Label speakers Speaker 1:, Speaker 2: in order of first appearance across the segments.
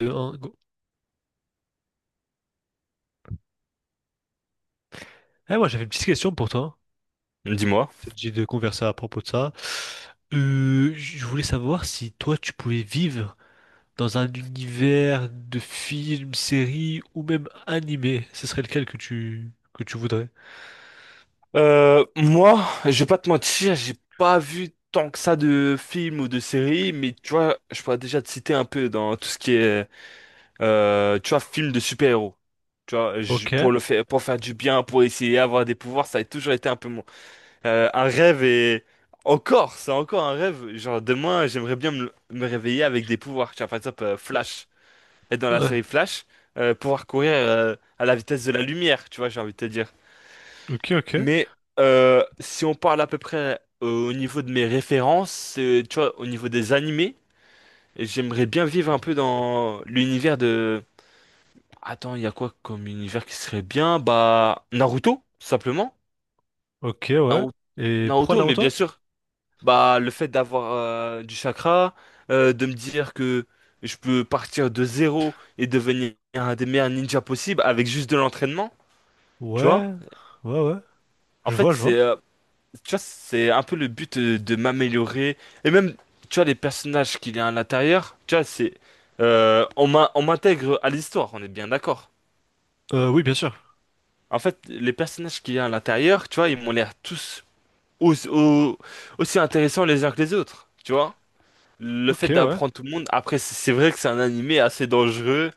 Speaker 1: Deux, un, go. Eh, moi, j'avais une petite question pour toi.
Speaker 2: Dis-moi.
Speaker 1: J'ai de converser à propos de ça. Je voulais savoir si toi, tu pouvais vivre dans un univers de films, séries ou même animés. Ce serait lequel que tu voudrais?
Speaker 2: Moi, je vais pas te mentir, j'ai pas vu tant que ça de films ou de séries, mais tu vois, je pourrais déjà te citer un peu dans tout ce qui est, tu vois, film de super-héros. Tu vois,
Speaker 1: Ok.
Speaker 2: pour le faire, pour faire du bien, pour essayer d'avoir des pouvoirs, ça a toujours été un peu mon, un rêve et encore, c'est encore un rêve. Genre demain, j'aimerais bien me réveiller avec des pouvoirs. Tu vois, par exemple, Flash, être dans la
Speaker 1: Ouais.
Speaker 2: série Flash, pouvoir courir, à la vitesse de la lumière. Tu vois, j'ai envie de te dire.
Speaker 1: Ok, ok.
Speaker 2: Mais si on parle à peu près au niveau de mes références, tu vois, au niveau des animés, j'aimerais bien vivre un peu dans l'univers de... Attends, il y a quoi comme univers qui serait bien? Bah, Naruto, tout simplement.
Speaker 1: Ok, ouais.
Speaker 2: Naru-
Speaker 1: Et pourquoi
Speaker 2: Naruto, mais bien
Speaker 1: Naruto?
Speaker 2: sûr, bah, le fait d'avoir du chakra, de me dire que je peux partir de zéro et devenir un des meilleurs ninjas possibles avec juste de l'entraînement, tu vois?
Speaker 1: Ouais. Ouais, ouais.
Speaker 2: En
Speaker 1: Je vois,
Speaker 2: fait,
Speaker 1: je vois.
Speaker 2: tu vois, c'est un peu le but de, m'améliorer. Et même, tu vois, les personnages qu'il y a à l'intérieur, tu vois, on on m'intègre à l'histoire, on est bien d'accord.
Speaker 1: Oui, bien sûr.
Speaker 2: En fait, les personnages qu'il y a à l'intérieur, tu vois, ils m'ont l'air tous aussi, aussi intéressants les uns que les autres, tu vois. Le fait
Speaker 1: Ok, ouais.
Speaker 2: d'apprendre tout le monde, après, c'est vrai que c'est un animé assez dangereux,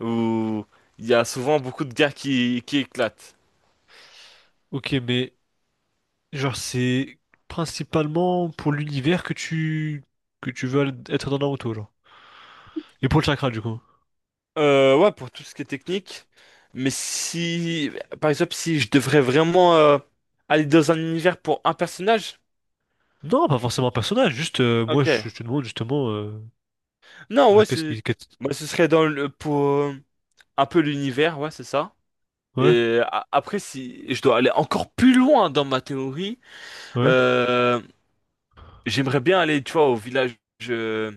Speaker 2: où il y a souvent beaucoup de guerres qui éclatent.
Speaker 1: Ok, mais genre, c'est principalement pour l'univers que tu veux être dans Naruto, genre. Et pour le chakra, du coup?
Speaker 2: Ouais, pour tout ce qui est technique. Mais si, par exemple, si je devrais vraiment aller dans un univers pour un personnage,
Speaker 1: Non, pas forcément un personnage, juste, moi,
Speaker 2: ok.
Speaker 1: je te demande justement,
Speaker 2: Non,
Speaker 1: ouais,
Speaker 2: ouais,
Speaker 1: qu'est-ce qui...
Speaker 2: c'est,
Speaker 1: qu'est-
Speaker 2: moi, ce serait dans le pour un peu l'univers, ouais, c'est ça.
Speaker 1: Ouais,
Speaker 2: Et après, si je dois aller encore plus loin dans ma théorie,
Speaker 1: ouais.
Speaker 2: euh, j'aimerais bien aller, tu vois, au village, euh,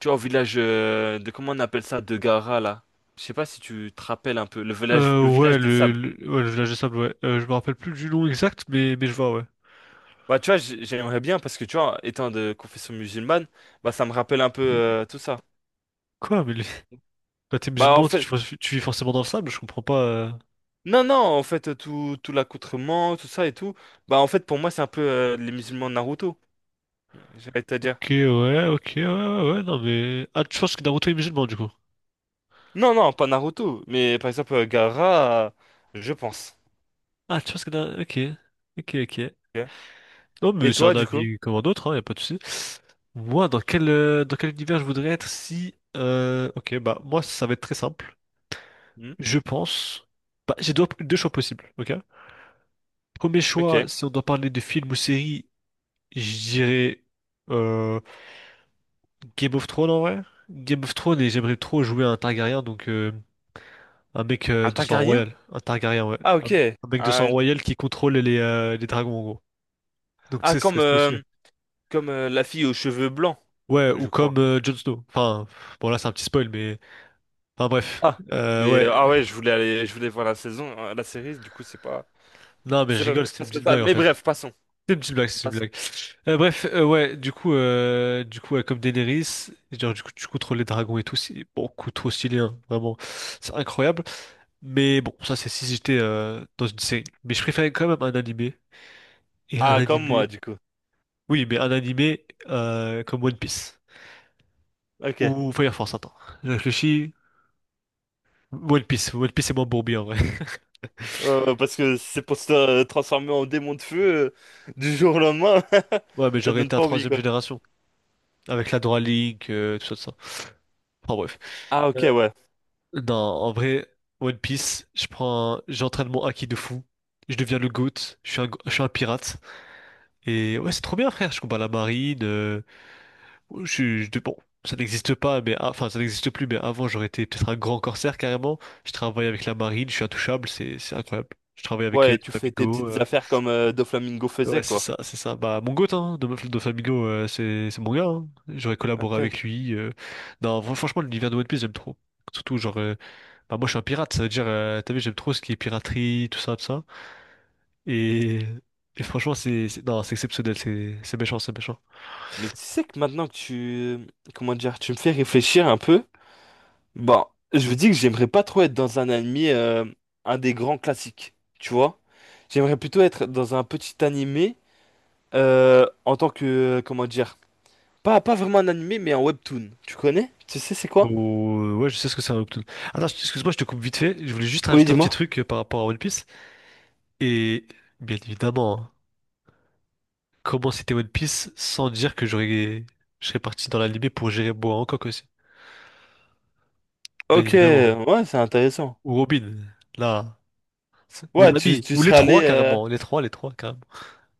Speaker 2: tu vois, au village de comment on appelle ça, de Gara là. Je sais pas si tu te rappelles un peu le
Speaker 1: Ouais,
Speaker 2: village des sables.
Speaker 1: ouais, le village des sable, ouais. Je me rappelle plus du nom exact, mais je vois, ouais.
Speaker 2: Bah, tu vois, j'aimerais bien parce que, tu vois, étant de confession musulmane, bah, ça me rappelle un peu tout ça.
Speaker 1: Quoi, mais les- bah, t'es
Speaker 2: Bah, en
Speaker 1: musulman,
Speaker 2: fait,
Speaker 1: tu vis forcément dans le sable, je comprends pas.
Speaker 2: non, non, en fait, tout l'accoutrement, tout ça et tout, bah, en fait, pour moi, c'est un peu les musulmans de Naruto, j'allais te
Speaker 1: Ok,
Speaker 2: dire.
Speaker 1: ouais, ok, ouais, ouais, ouais, ouais, non, mais... Ah, tu penses que Naruto est musulman, du coup?
Speaker 2: Non, pas Naruto, mais par exemple, Gaara, je pense.
Speaker 1: Ah, tu penses que Naruto... Ok, ok, ok.
Speaker 2: Ok.
Speaker 1: Non, mais
Speaker 2: Et
Speaker 1: c'est un
Speaker 2: toi, du coup?
Speaker 1: avis comme un autre, hein, y a pas de souci. Moi, dans quel univers je voudrais être si... Ok, bah, moi, ça va être très simple.
Speaker 2: Hmm.
Speaker 1: Je pense. Bah, j'ai deux choix possibles, ok? Premier
Speaker 2: Ok.
Speaker 1: choix, si on doit parler de film ou série, je dirais euh, Game of Thrones en vrai. Game of Thrones et j'aimerais trop jouer à un Targaryen, donc un mec
Speaker 2: Un
Speaker 1: de sang
Speaker 2: Targaryen?
Speaker 1: royal. Un Targaryen, ouais.
Speaker 2: Ah, ok.
Speaker 1: Un mec de sang
Speaker 2: Un-
Speaker 1: royal qui contrôle les dragons en gros. Donc tu
Speaker 2: Ah,
Speaker 1: sais, ce
Speaker 2: comme,
Speaker 1: serait trop stylé.
Speaker 2: euh, comme euh, la fille aux cheveux blancs,
Speaker 1: Ouais, ou
Speaker 2: je crois.
Speaker 1: comme Jon Snow. Enfin, bon là c'est un petit spoil, mais... Enfin bref.
Speaker 2: Ah, mais,
Speaker 1: Ouais.
Speaker 2: ah ouais, je voulais aller, je voulais voir la saison, la série, du coup, c'est pas.
Speaker 1: Non mais je
Speaker 2: C'est pas
Speaker 1: rigole, c'était une
Speaker 2: c'est
Speaker 1: petite
Speaker 2: pas ça.
Speaker 1: blague en
Speaker 2: Mais
Speaker 1: fait.
Speaker 2: bref, passons.
Speaker 1: C'est une petite blague, c'est une
Speaker 2: Passons.
Speaker 1: blague. Ouais, du coup, ouais, comme Daenerys, genre, du coup, tu contrôles les dragons et tout, c'est beaucoup trop stylé, hein, vraiment, c'est incroyable. Mais bon, ça, c'est si j'étais dans une série. Mais je préférais quand même un animé. Et un
Speaker 2: Ah, comme moi,
Speaker 1: animé,
Speaker 2: du coup.
Speaker 1: oui, mais un animé comme One Piece.
Speaker 2: Ok.
Speaker 1: Ou Fire Force, attends. Je réfléchis. One Piece, c'est moins bourbier, en vrai.
Speaker 2: Parce que c'est pour se transformer en démon de feu du jour au lendemain.
Speaker 1: Ouais, mais
Speaker 2: Ça
Speaker 1: j'aurais
Speaker 2: donne
Speaker 1: été à
Speaker 2: pas envie,
Speaker 1: troisième
Speaker 2: quoi.
Speaker 1: génération, avec la Dora Link, tout ça, tout ça. Enfin, bref.
Speaker 2: Ah, ok,
Speaker 1: Euh,
Speaker 2: ouais.
Speaker 1: Non, en vrai, One Piece, je prends, j'entraîne mon haki de fou, je deviens le GOAT, je suis un pirate. Et ouais, c'est trop bien, frère, je combats la marine, je, suis- je- bon, ça n'existe pas, mais ah, enfin, ça n'existe plus, mais avant, j'aurais été peut-être un grand corsaire carrément. Je travaille avec la marine, je suis intouchable, c'est incroyable. Je travaille avec
Speaker 2: Ouais, tu fais tes
Speaker 1: Doflamingo,
Speaker 2: petites affaires comme Doflamingo
Speaker 1: ouais,
Speaker 2: faisait,
Speaker 1: c'est
Speaker 2: quoi.
Speaker 1: ça, c'est ça. Bah, mon GOAT, hein, Dof- Doflamingo, c'est mon gars, hein. J'aurais collaboré
Speaker 2: Ok.
Speaker 1: avec lui. Non, fran- franchement, l'univers de One Piece, j'aime trop. Surtout, genre, bah, moi, je suis un pirate, ça veut dire, t'as vu, j'aime trop ce qui est piraterie, tout ça, tout ça. Et, et franchement, c'est- non, c'est exceptionnel, c'est méchant, c'est méchant.
Speaker 2: Mais tu sais que maintenant que tu... Comment dire? Tu me fais réfléchir un peu. Bon, je me dis que j'aimerais pas trop être dans un anime, un des grands classiques, tu vois? J'aimerais plutôt être dans un petit animé en tant que... Comment dire? Pas vraiment un animé, mais un webtoon. Tu connais? Tu sais c'est quoi?
Speaker 1: Ou, ouais, je sais ce que c'est un Obtoon. Attends, excuse-moi, je te coupe vite fait. Je voulais juste
Speaker 2: Oui,
Speaker 1: rajouter un petit
Speaker 2: dis-moi.
Speaker 1: truc par rapport à One Piece. Et, bien évidemment, hein, comment c'était One Piece sans dire que j'aurais, je serais parti dans l'animé pour gérer Boa Hancock aussi. Bien
Speaker 2: Ok,
Speaker 1: évidemment.
Speaker 2: ouais, c'est intéressant.
Speaker 1: Ou Robin, là, c'est mon
Speaker 2: Ouais, tu,
Speaker 1: ami.
Speaker 2: tu
Speaker 1: Ou les
Speaker 2: serais allé...
Speaker 1: trois, carrément. Les trois, carrément.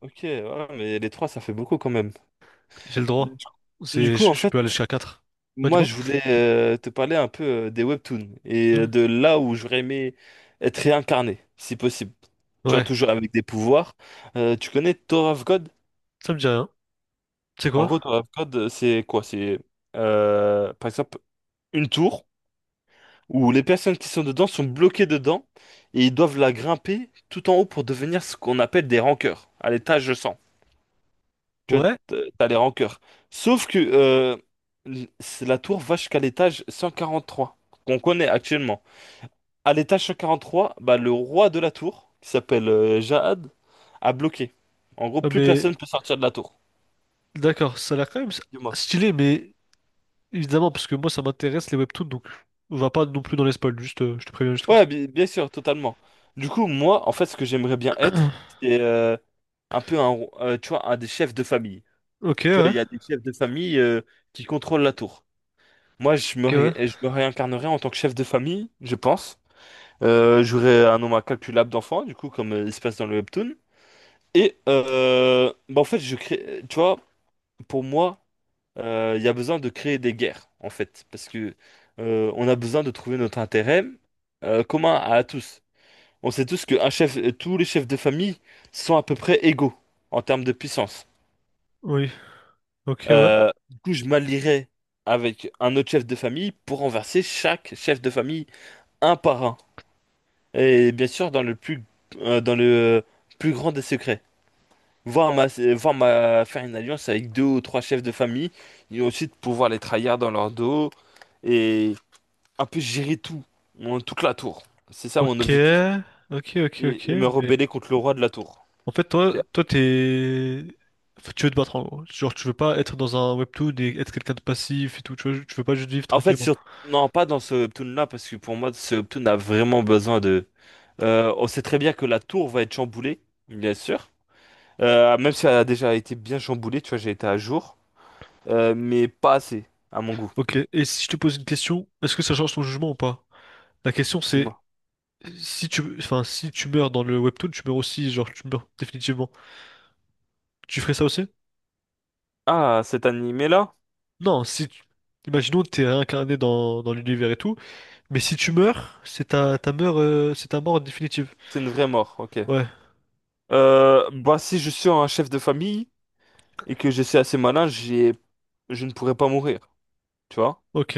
Speaker 2: Ok, ouais, mais les trois, ça fait beaucoup quand même.
Speaker 1: J'ai le
Speaker 2: Du
Speaker 1: droit.
Speaker 2: du
Speaker 1: C'est,
Speaker 2: coup, en
Speaker 1: je
Speaker 2: fait,
Speaker 1: peux aller jusqu'à quatre. Ouais,
Speaker 2: moi,
Speaker 1: dis-moi.
Speaker 2: je voulais te parler un peu des webtoons et de là où j'aurais aimé être réincarné, si possible. Tu vois,
Speaker 1: Ouais,
Speaker 2: toujours avec des pouvoirs. Tu connais Tower of God?
Speaker 1: ça me dit rien. C'est
Speaker 2: En
Speaker 1: quoi?
Speaker 2: gros, Tower of God, c'est quoi? C'est, par exemple, une tour, où les personnes qui sont dedans sont bloquées dedans et ils doivent la grimper tout en haut pour devenir ce qu'on appelle des rankeurs, à l'étage 100. Tu vois,
Speaker 1: Ouais?
Speaker 2: t'as les rankeurs. Sauf que la tour va jusqu'à l'étage 143, qu'on connaît actuellement. À l'étage 143, bah, le roi de la tour, qui s'appelle Jahad, a bloqué. En gros,
Speaker 1: Ah,
Speaker 2: plus
Speaker 1: mais
Speaker 2: personne peut sortir de la tour.
Speaker 1: d'accord, ça a l'air quand même
Speaker 2: Dis-moi.
Speaker 1: stylé, mais évidemment, parce que moi ça m'intéresse les webtoons, donc on va pas non plus dans les spoils, juste je te préviens juste comme ça.
Speaker 2: Ouais, bien sûr, totalement. Du coup, moi, en fait, ce que j'aimerais bien être, c'est un peu tu vois, un des chefs de famille.
Speaker 1: Ok,
Speaker 2: Tu vois,
Speaker 1: ouais,
Speaker 2: il y a des chefs de famille qui contrôlent la tour. Moi,
Speaker 1: ok, ouais.
Speaker 2: je me réincarnerais en tant que chef de famille, je pense. J'aurais un nombre incalculable d'enfants, du coup, comme il se passe dans le webtoon. Et bah, en fait, je crée, tu vois, pour moi, il y a besoin de créer des guerres, en fait, parce que on a besoin de trouver notre intérêt commun à tous. On sait tous que un chef, tous les chefs de famille sont à peu près égaux en termes de puissance.
Speaker 1: Oui, ok, ouais.
Speaker 2: Du coup, je m'allierai avec un autre chef de famille pour renverser chaque chef de famille un par un. Et bien sûr, dans le plus grand des secrets. Voir ma, voir ma, faire une alliance avec deux ou trois chefs de famille et ensuite pouvoir les trahir dans leur dos et un peu gérer tout, toute la tour. C'est ça mon
Speaker 1: Ok,
Speaker 2: objectif.
Speaker 1: ok, ok, ok,
Speaker 2: Et me
Speaker 1: mais
Speaker 2: rebeller contre le roi de la tour.
Speaker 1: en fait,
Speaker 2: C'est-
Speaker 1: toi, t'es. Enfin, tu veux te battre en gros. Genre, tu veux pas être dans un webtoon et être quelqu'un de passif et tout, tu vois, tu veux pas juste vivre
Speaker 2: En fait,
Speaker 1: tranquillement.
Speaker 2: sur... non, pas dans ce Hoptoon là, parce que pour moi, ce Hoptoon a vraiment besoin de. On sait très bien que la tour va être chamboulée, bien sûr. Même si elle a déjà été bien chamboulée, tu vois, j'ai été à jour. Mais pas assez, à mon goût.
Speaker 1: Ok, et si je te pose une question, est-ce que ça change ton jugement ou pas? La question c'est,
Speaker 2: Dis-moi.
Speaker 1: si tu, enfin, si tu meurs dans le webtoon, tu meurs aussi, genre tu meurs définitivement. Tu ferais ça aussi?
Speaker 2: Ah, cet animé-là,
Speaker 1: Non, si tu... Imaginons que t'es réincarné dans l'univers et tout, mais si tu meurs, c'est ta, ta mort, c'est ta mort définitive.
Speaker 2: c'est une vraie mort, ok.
Speaker 1: Ouais,
Speaker 2: Bah, si je suis un chef de famille et que je suis assez malin, je ne pourrais pas mourir, tu vois.
Speaker 1: ok.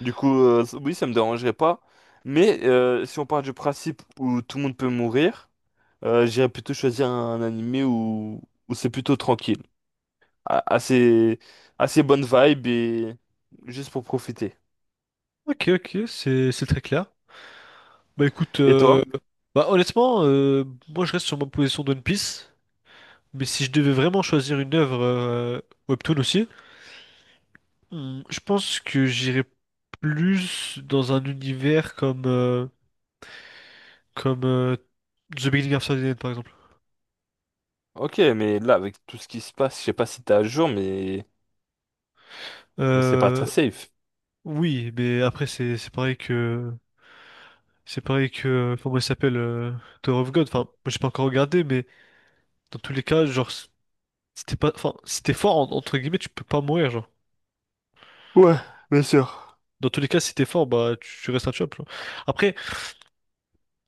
Speaker 2: Du coup, oui, ça me dérangerait pas. Mais si on part du principe où tout le monde peut mourir, j'irais plutôt choisir un animé où, où c'est plutôt tranquille. a- assez, assez bonne vibe et juste pour profiter.
Speaker 1: Ok, ok, c'est très clair. Bah écoute,
Speaker 2: Et toi?
Speaker 1: bah honnêtement, moi je reste sur ma position d'One Piece, mais si je devais vraiment choisir une œuvre webtoon aussi, Hmm, je pense que j'irais plus dans un univers comme, comme The Beginning of Sardine, par exemple.
Speaker 2: Ok, mais là, avec tout ce qui se passe, je sais pas si t'es à jour, mais c'est pas très
Speaker 1: Euh,
Speaker 2: safe.
Speaker 1: oui, mais après, c'est pareil que. C'est pareil que. Comment il s'appelle Tower of God. Enfin, moi, j'ai pas encore regardé, mais dans tous les cas, genre, si t'es pas. Enfin, si t'es fort, en- entre guillemets, tu peux pas mourir, genre.
Speaker 2: Ouais, bien sûr.
Speaker 1: Dans tous les cas, si t'es fort, bah, tu restes un chop, genre. Après,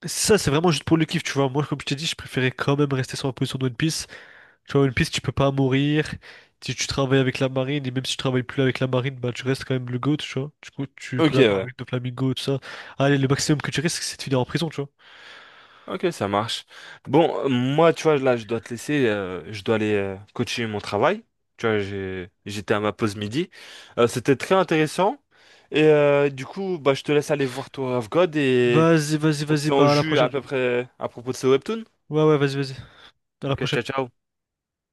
Speaker 1: ça, c'est vraiment juste pour le kiff, tu vois. Moi, comme je t'ai dit, je préférais quand même rester sur ma position de One Piece. Tu vois, One Piece, tu peux pas mourir. Si tu travailles avec la marine, et même si tu travailles plus avec la marine, bah tu restes quand même le GOAT, tu vois. Du coup, tu
Speaker 2: Ok,
Speaker 1: collabores
Speaker 2: ouais.
Speaker 1: avec le Flamingo, tout ça. Allez, le maximum que tu risques, c'est de finir en prison, tu vois.
Speaker 2: Ok, ça marche. Bon, moi, tu vois, là, je dois te laisser. Je dois aller coacher mon travail. Tu vois, j'étais à ma pause midi. C'était très intéressant. Et du coup, bah, je te laisse aller voir Tower of God et
Speaker 1: Vas-y, vas-y,
Speaker 2: on se
Speaker 1: vas-y,
Speaker 2: tient au
Speaker 1: bah à la
Speaker 2: jus à
Speaker 1: prochaine.
Speaker 2: peu près à propos de ce webtoon.
Speaker 1: Ouais, ouais, vas-y, vas-y. À la
Speaker 2: Ok,
Speaker 1: prochaine.
Speaker 2: ciao, ciao.